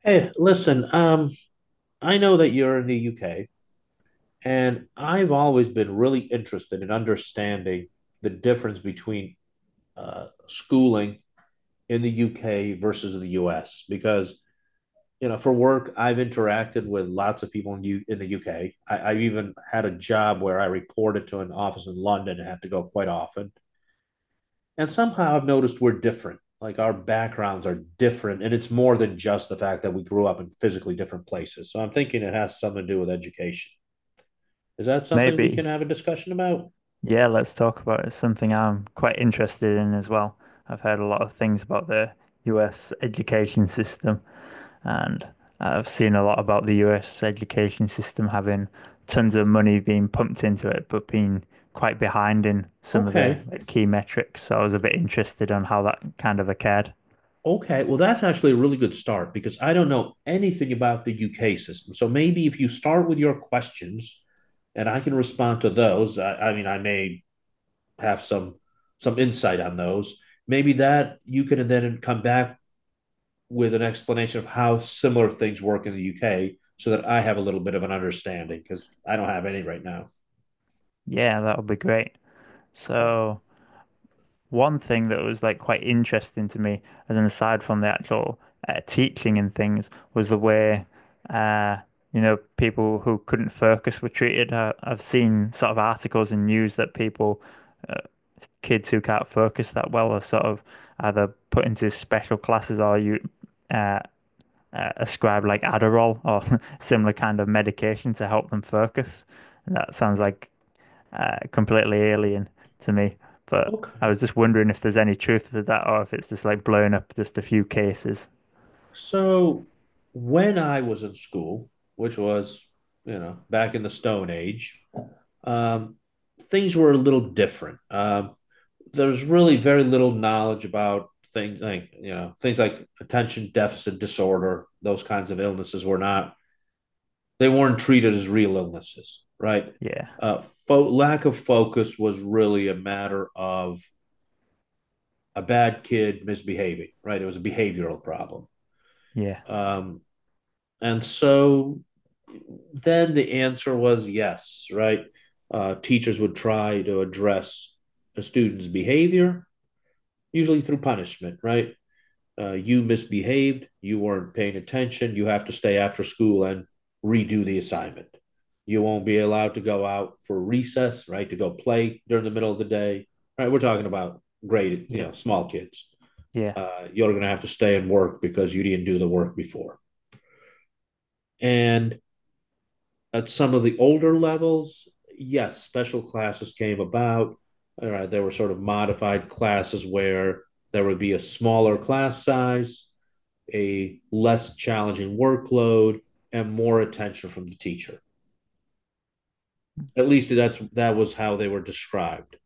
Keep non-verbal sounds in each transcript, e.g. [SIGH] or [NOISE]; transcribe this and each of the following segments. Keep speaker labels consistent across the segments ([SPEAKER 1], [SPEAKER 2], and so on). [SPEAKER 1] Hey, listen, I know that you're in the UK, and I've always been really interested in understanding the difference between schooling in the UK versus the US because, for work, I've interacted with lots of people in the UK. I've even had a job where I reported to an office in London and had to go quite often. And somehow I've noticed we're different. Like, our backgrounds are different, and it's more than just the fact that we grew up in physically different places. So I'm thinking it has something to do with education. Is that something we can
[SPEAKER 2] Maybe.
[SPEAKER 1] have a discussion about?
[SPEAKER 2] Yeah, let's talk about it. It's something I'm quite interested in as well. I've heard a lot of things about the US education system, and I've seen a lot about the US education system having tons of money being pumped into it, but being quite behind in some of the
[SPEAKER 1] Okay.
[SPEAKER 2] like, key metrics. So I was a bit interested on how that kind of occurred.
[SPEAKER 1] Okay, well, that's actually a really good start because I don't know anything about the UK system. So maybe if you start with your questions and I can respond to those, I mean, I may have some insight on those. Maybe that you can then come back with an explanation of how similar things work in the UK so that I have a little bit of an understanding because I don't have any right now.
[SPEAKER 2] Yeah, that would be great.
[SPEAKER 1] Oh,
[SPEAKER 2] So One thing that was like quite interesting to me, as an aside from the actual teaching and things, was the way uh, people who couldn't focus were treated. I've seen sort of articles and news that people, uh, kids who can't focus that well, are sort of either put into special classes or you uh, ascribe like Adderall or [LAUGHS] similar kind of medication to help them focus. And that sounds like completely alien to me. But I
[SPEAKER 1] okay.
[SPEAKER 2] was just wondering if there's any truth to that or if it's just like blowing up just a few cases.
[SPEAKER 1] So when I was in school, which was, you know, back in the Stone Age, um, things were a little different. There's really very little knowledge about things like things like attention deficit disorder. Those kinds of illnesses were not, they weren't treated as real illnesses, right?
[SPEAKER 2] Yeah,
[SPEAKER 1] Lack of focus was really a matter of a bad kid misbehaving, right? It was a behavioral problem.
[SPEAKER 2] yeah,
[SPEAKER 1] Um, And so then the answer was yes, right? Teachers would try to address a student's behavior, usually through punishment, right? You misbehaved, you weren't paying attention, you have to stay after school and redo the assignment. You won't be allowed to go out for recess, right? To go play during the middle of the day, right? We're talking about grade, you know,
[SPEAKER 2] yeah,
[SPEAKER 1] small kids.
[SPEAKER 2] yeah.
[SPEAKER 1] You're going to have to stay and work because you didn't do the work before. And at some of the older levels, yes, special classes came about. All right, there were sort of modified classes where there would be a smaller class size, a less challenging workload, and more attention from the teacher. At least that was how they were described.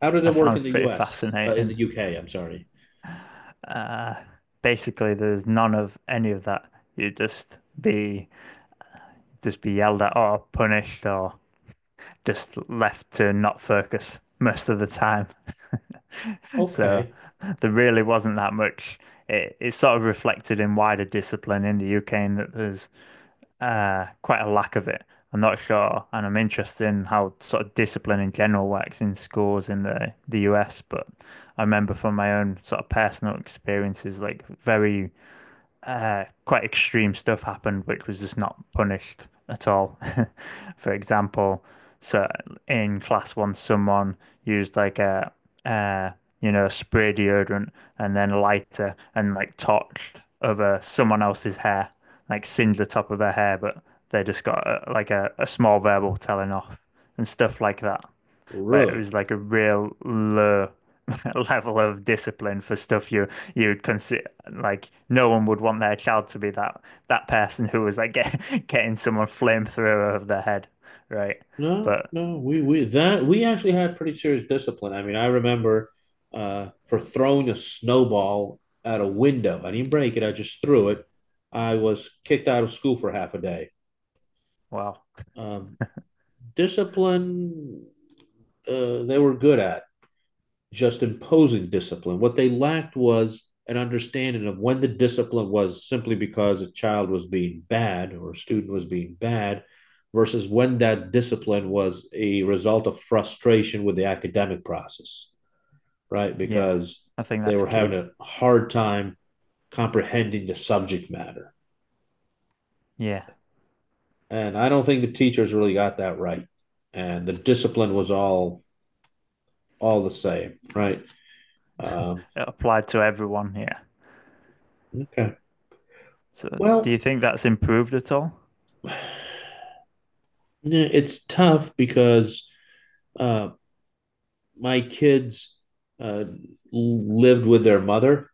[SPEAKER 1] How did it
[SPEAKER 2] That
[SPEAKER 1] work
[SPEAKER 2] sounds
[SPEAKER 1] in the
[SPEAKER 2] pretty
[SPEAKER 1] U.S. In the
[SPEAKER 2] fascinating.
[SPEAKER 1] U.K.? I'm sorry.
[SPEAKER 2] Uh, basically, there's none of any of that. You just be yelled at or punished or just left to not focus most of the time. [LAUGHS] So
[SPEAKER 1] Okay,
[SPEAKER 2] there really wasn't that much. It's sort of reflected in wider discipline in the UK, in that there's quite a lack of it. I'm not sure, and I'm interested in how sort of discipline in general works in schools in the US. But I remember from my own sort of personal experiences, like very quite extreme stuff happened, which was just not punished at all. [LAUGHS] For example, so in class once someone used like a, uh, spray deodorant and then lighter and like torched over someone else's hair, like singed the top of their hair, but they just got a, like a small verbal telling off and stuff like that where it
[SPEAKER 1] really?
[SPEAKER 2] was like a real low [LAUGHS] level of discipline for stuff you would consider like no one would want their child to be that person who was like [LAUGHS] getting someone flamethrower over their head, right?
[SPEAKER 1] No,
[SPEAKER 2] But
[SPEAKER 1] no, we we that we actually had pretty serious discipline. I mean, I remember for throwing a snowball at a window. I didn't break it; I just threw it. I was kicked out of school for half a day.
[SPEAKER 2] wow,
[SPEAKER 1] Um, discipline, they were good at. Just imposing discipline. What they lacked was an understanding of when the discipline was simply because a child was being bad or a student was being bad versus when that discipline was a result of frustration with the academic process, right?
[SPEAKER 2] yeah,
[SPEAKER 1] Because
[SPEAKER 2] I think
[SPEAKER 1] they
[SPEAKER 2] that's
[SPEAKER 1] were having
[SPEAKER 2] key.
[SPEAKER 1] a hard time comprehending the subject matter.
[SPEAKER 2] Yeah,
[SPEAKER 1] And I don't think the teachers really got that right. And the discipline was all the same, right? Um,
[SPEAKER 2] it applied to everyone. Yeah.
[SPEAKER 1] okay.
[SPEAKER 2] So do you
[SPEAKER 1] Well,
[SPEAKER 2] think that's improved at all?
[SPEAKER 1] yeah, it's tough because uh, my kids uh, lived with their mother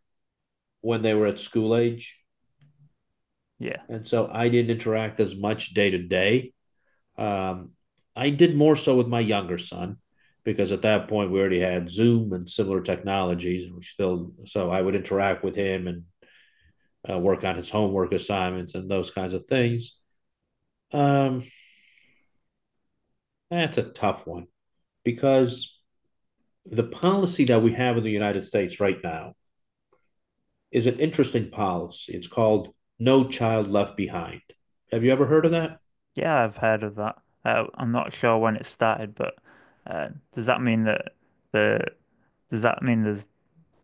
[SPEAKER 1] when they were at school age,
[SPEAKER 2] Yeah,
[SPEAKER 1] and so I didn't interact as much day to day. Um, I did more so with my younger son because at that point we already had Zoom and similar technologies, and we still, so I would interact with him and work on his homework assignments and those kinds of things. Um, that's a tough one because the policy that we have in the United States right now is an interesting policy. It's called No Child Left Behind. Have you ever heard of that?
[SPEAKER 2] yeah, I've heard of that. I'm not sure when it started, but does that mean that the does that mean there's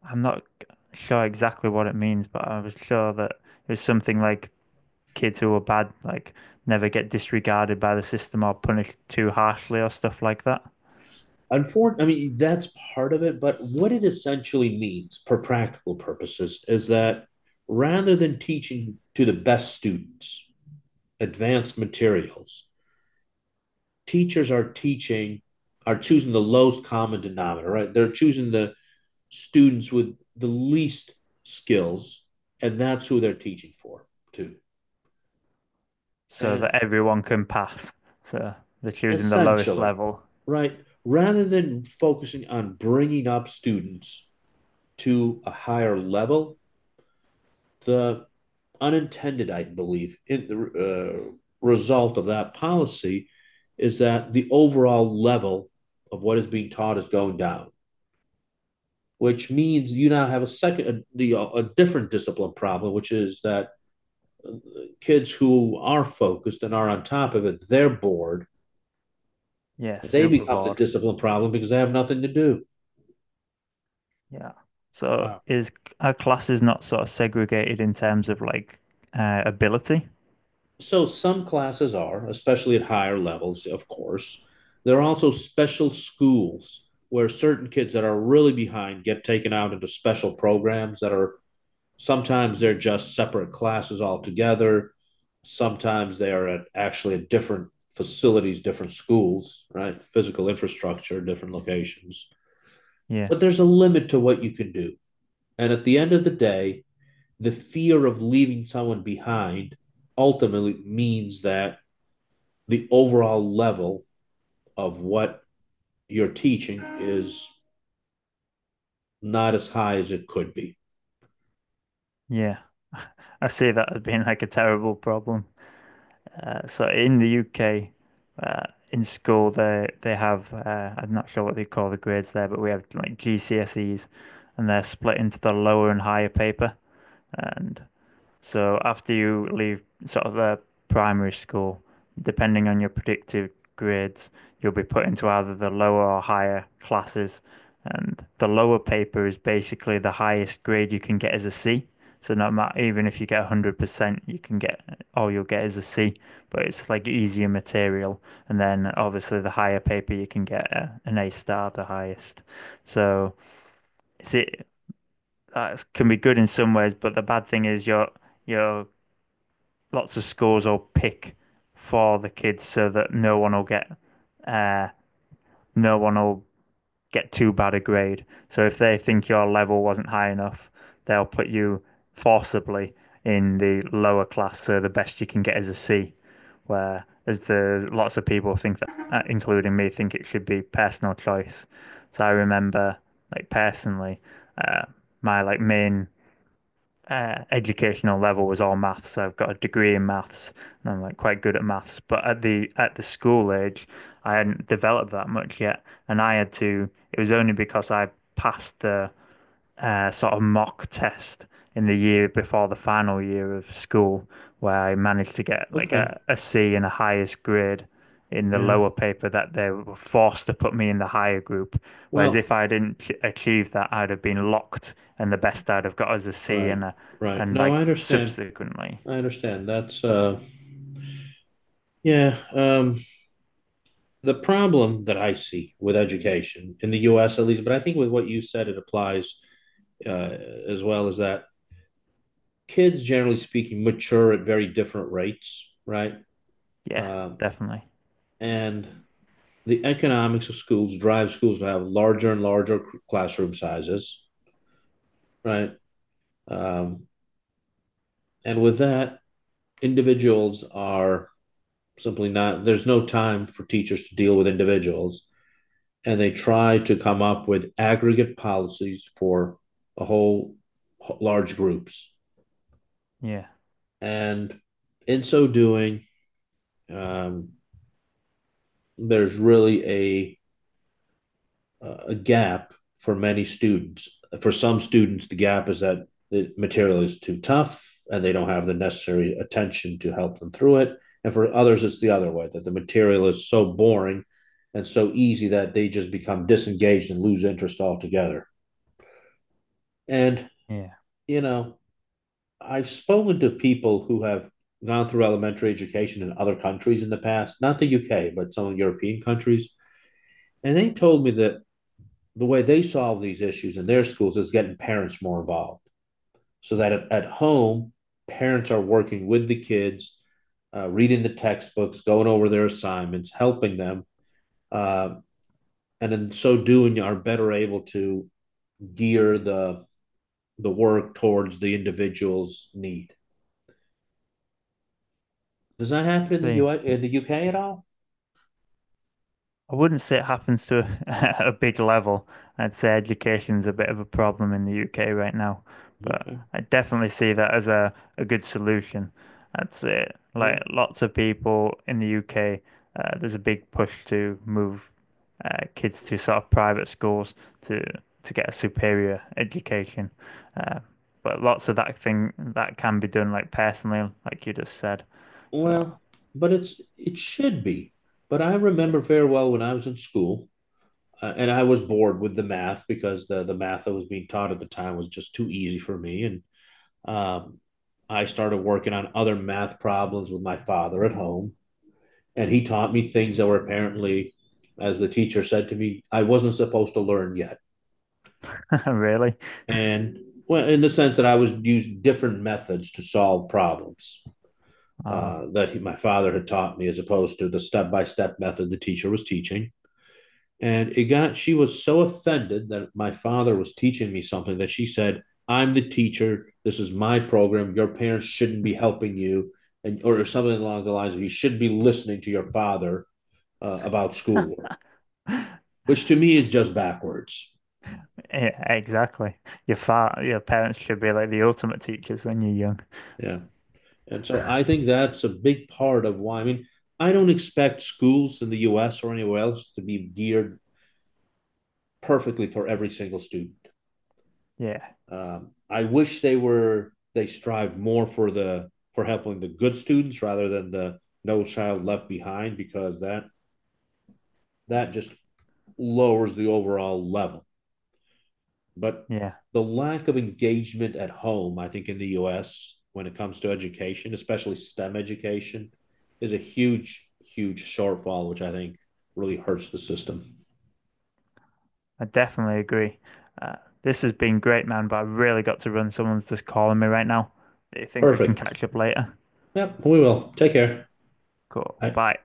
[SPEAKER 2] I'm not sure exactly what it means, but I was sure that it was something like kids who were bad, like never get disregarded by the system or punished too harshly or stuff like that,
[SPEAKER 1] Unfortunately, I mean, that's part of it, but what it essentially means for practical purposes is that rather than teaching to the best students advanced materials, teachers are teaching, are choosing the lowest common denominator, right? They're choosing the students with the least skills, and that's who they're teaching for, too.
[SPEAKER 2] so that
[SPEAKER 1] And
[SPEAKER 2] everyone can pass. So they're choosing the lowest
[SPEAKER 1] essentially,
[SPEAKER 2] level.
[SPEAKER 1] right? Rather than focusing on bringing up students to a higher level, the unintended, I believe, in the result of that policy is that the overall level of what is being taught is going down, which means you now have a different discipline problem, which is that kids who are focused and are on top of it, they're bored.
[SPEAKER 2] Yeah,
[SPEAKER 1] They
[SPEAKER 2] super
[SPEAKER 1] become the
[SPEAKER 2] bored.
[SPEAKER 1] discipline problem because they have nothing to do.
[SPEAKER 2] Yeah. So
[SPEAKER 1] Uh,
[SPEAKER 2] is our classes not sort of segregated in terms of like ability?
[SPEAKER 1] So some classes are, especially at higher levels, of course. There are also special schools where certain kids that are really behind get taken out into special programs that are sometimes they're just separate classes altogether. Sometimes they are at actually at different facilities, different schools, right? Physical infrastructure, different locations.
[SPEAKER 2] Yeah,
[SPEAKER 1] But there's a limit to what you can do. And at the end of the day, the fear of leaving someone behind ultimately means that the overall level of what you're teaching is not as high as it could be.
[SPEAKER 2] yeah. [LAUGHS] I see that as being like a terrible problem. So in the UK, uh, in school, they have I'm not sure what they call the grades there, but we have like GCSEs, and they're split into the lower and higher paper. And so after you leave sort of primary school, depending on your predicted grades, you'll be put into either the lower or higher classes. And the lower paper is basically the highest grade you can get as a C. So not matter, even if you get 100%, you can get all you'll get is a C, but it's like easier material. And then obviously the higher paper you can get an A*, the highest. So it's it that can be good in some ways, but the bad thing is you're lots of scores or pick for the kids so that no one will get uh, no one will too bad a grade. So if they think your level wasn't high enough, they'll put you forcibly in the lower class. So the best you can get is a C. Where as the lots of people think that, including me, think it should be personal choice. So I remember, like personally, uh, my like main educational level was all maths. So I've got a degree in maths, and I'm like quite good at maths. But at the school age, I hadn't developed that much yet, and I had to. It was only because I passed the sort of mock test in the year before the final year of school, where I managed to get like
[SPEAKER 1] Okay.
[SPEAKER 2] a C in the highest grade in the
[SPEAKER 1] Yeah.
[SPEAKER 2] lower paper that they were forced to put me in the higher group. Whereas
[SPEAKER 1] Well,
[SPEAKER 2] if I didn't achieve that, I'd have been locked, and the best I'd have got is a C
[SPEAKER 1] right.
[SPEAKER 2] and
[SPEAKER 1] Right.
[SPEAKER 2] and
[SPEAKER 1] No, I
[SPEAKER 2] like
[SPEAKER 1] understand.
[SPEAKER 2] subsequently,
[SPEAKER 1] I understand. Yeah, um the problem that I see with education in the US at least, but I think with what you said it applies as well is that kids generally speaking mature at very different rates, right? Um
[SPEAKER 2] yeah,
[SPEAKER 1] uh,
[SPEAKER 2] definitely,
[SPEAKER 1] and the economics of schools drive schools to have larger and larger classroom sizes, right? Um, and with that, individuals are simply not, there's no time for teachers to deal with individuals. And they try to come up with aggregate policies for a whole large groups.
[SPEAKER 2] yeah,
[SPEAKER 1] And in so doing, um, there's really a gap for many students. For some students, the gap is that the material is too tough and they don't have the necessary attention to help them through it. And for others, it's the other way that the material is so boring and so easy that they just become disengaged and lose interest altogether. And,
[SPEAKER 2] yeah.
[SPEAKER 1] you know, I've spoken to people who have gone through elementary education in other countries in the past, not the UK, but some European countries. And they told me that the way they solve these issues in their schools is getting parents more involved so that at home parents are working with the kids reading the textbooks, going over their assignments, helping them, uh, and in so doing are better able to gear the work towards the individual's need. Does that
[SPEAKER 2] Let's
[SPEAKER 1] happen in the
[SPEAKER 2] see.
[SPEAKER 1] U.S., in the UK at all?
[SPEAKER 2] I wouldn't say it happens to a, [LAUGHS] a big level. I'd say education's a bit of a problem in the UK right now, but
[SPEAKER 1] Okay.
[SPEAKER 2] I definitely see that as a good solution. That's it.
[SPEAKER 1] Yeah.
[SPEAKER 2] Like lots of people in the UK, there's a big push to move kids to sort of private schools to get a superior education. Uh, but lots of that thing that can be done like personally, like you just said. So
[SPEAKER 1] Well, but it should be. But I remember very well when I was in school, and I was bored with the math because the math that was being taught at the time was just too easy for me, and um, I started working on other math problems with my father at home, and he taught me things that were apparently, as the teacher said to me, I wasn't supposed to learn yet,
[SPEAKER 2] [LAUGHS] really,
[SPEAKER 1] and well, in the sense that I was used different methods to solve problems
[SPEAKER 2] oh.
[SPEAKER 1] that he, my father, had taught me, as opposed to the step by step method the teacher was teaching. And it got, she was so offended that my father was teaching me something that she said, I'm the teacher. This is my program. Your parents shouldn't be helping you. And, or something along the lines of, you should be listening to your father about schoolwork, which to me is just backwards.
[SPEAKER 2] Yeah, exactly. Your parents should be like the ultimate teachers when you're young.
[SPEAKER 1] Yeah. And so I think that's a big part of why. I mean, I don't expect schools in the US or anywhere else to be geared perfectly for every single student.
[SPEAKER 2] Yeah,
[SPEAKER 1] I wish they strived more for the for helping the good students rather than the no child left behind because that just lowers the overall level. But
[SPEAKER 2] yeah,
[SPEAKER 1] the lack of engagement at home, I think, in the U.S. when it comes to education, especially STEM education, is a huge shortfall, which I think really hurts the system.
[SPEAKER 2] I definitely agree. Uh, this has been great, man, but I really got to run. Someone's just calling me right now. Do you think we can
[SPEAKER 1] Perfect.
[SPEAKER 2] catch up later?
[SPEAKER 1] Yep, we will. Take care.
[SPEAKER 2] Cool.
[SPEAKER 1] I,
[SPEAKER 2] Bye.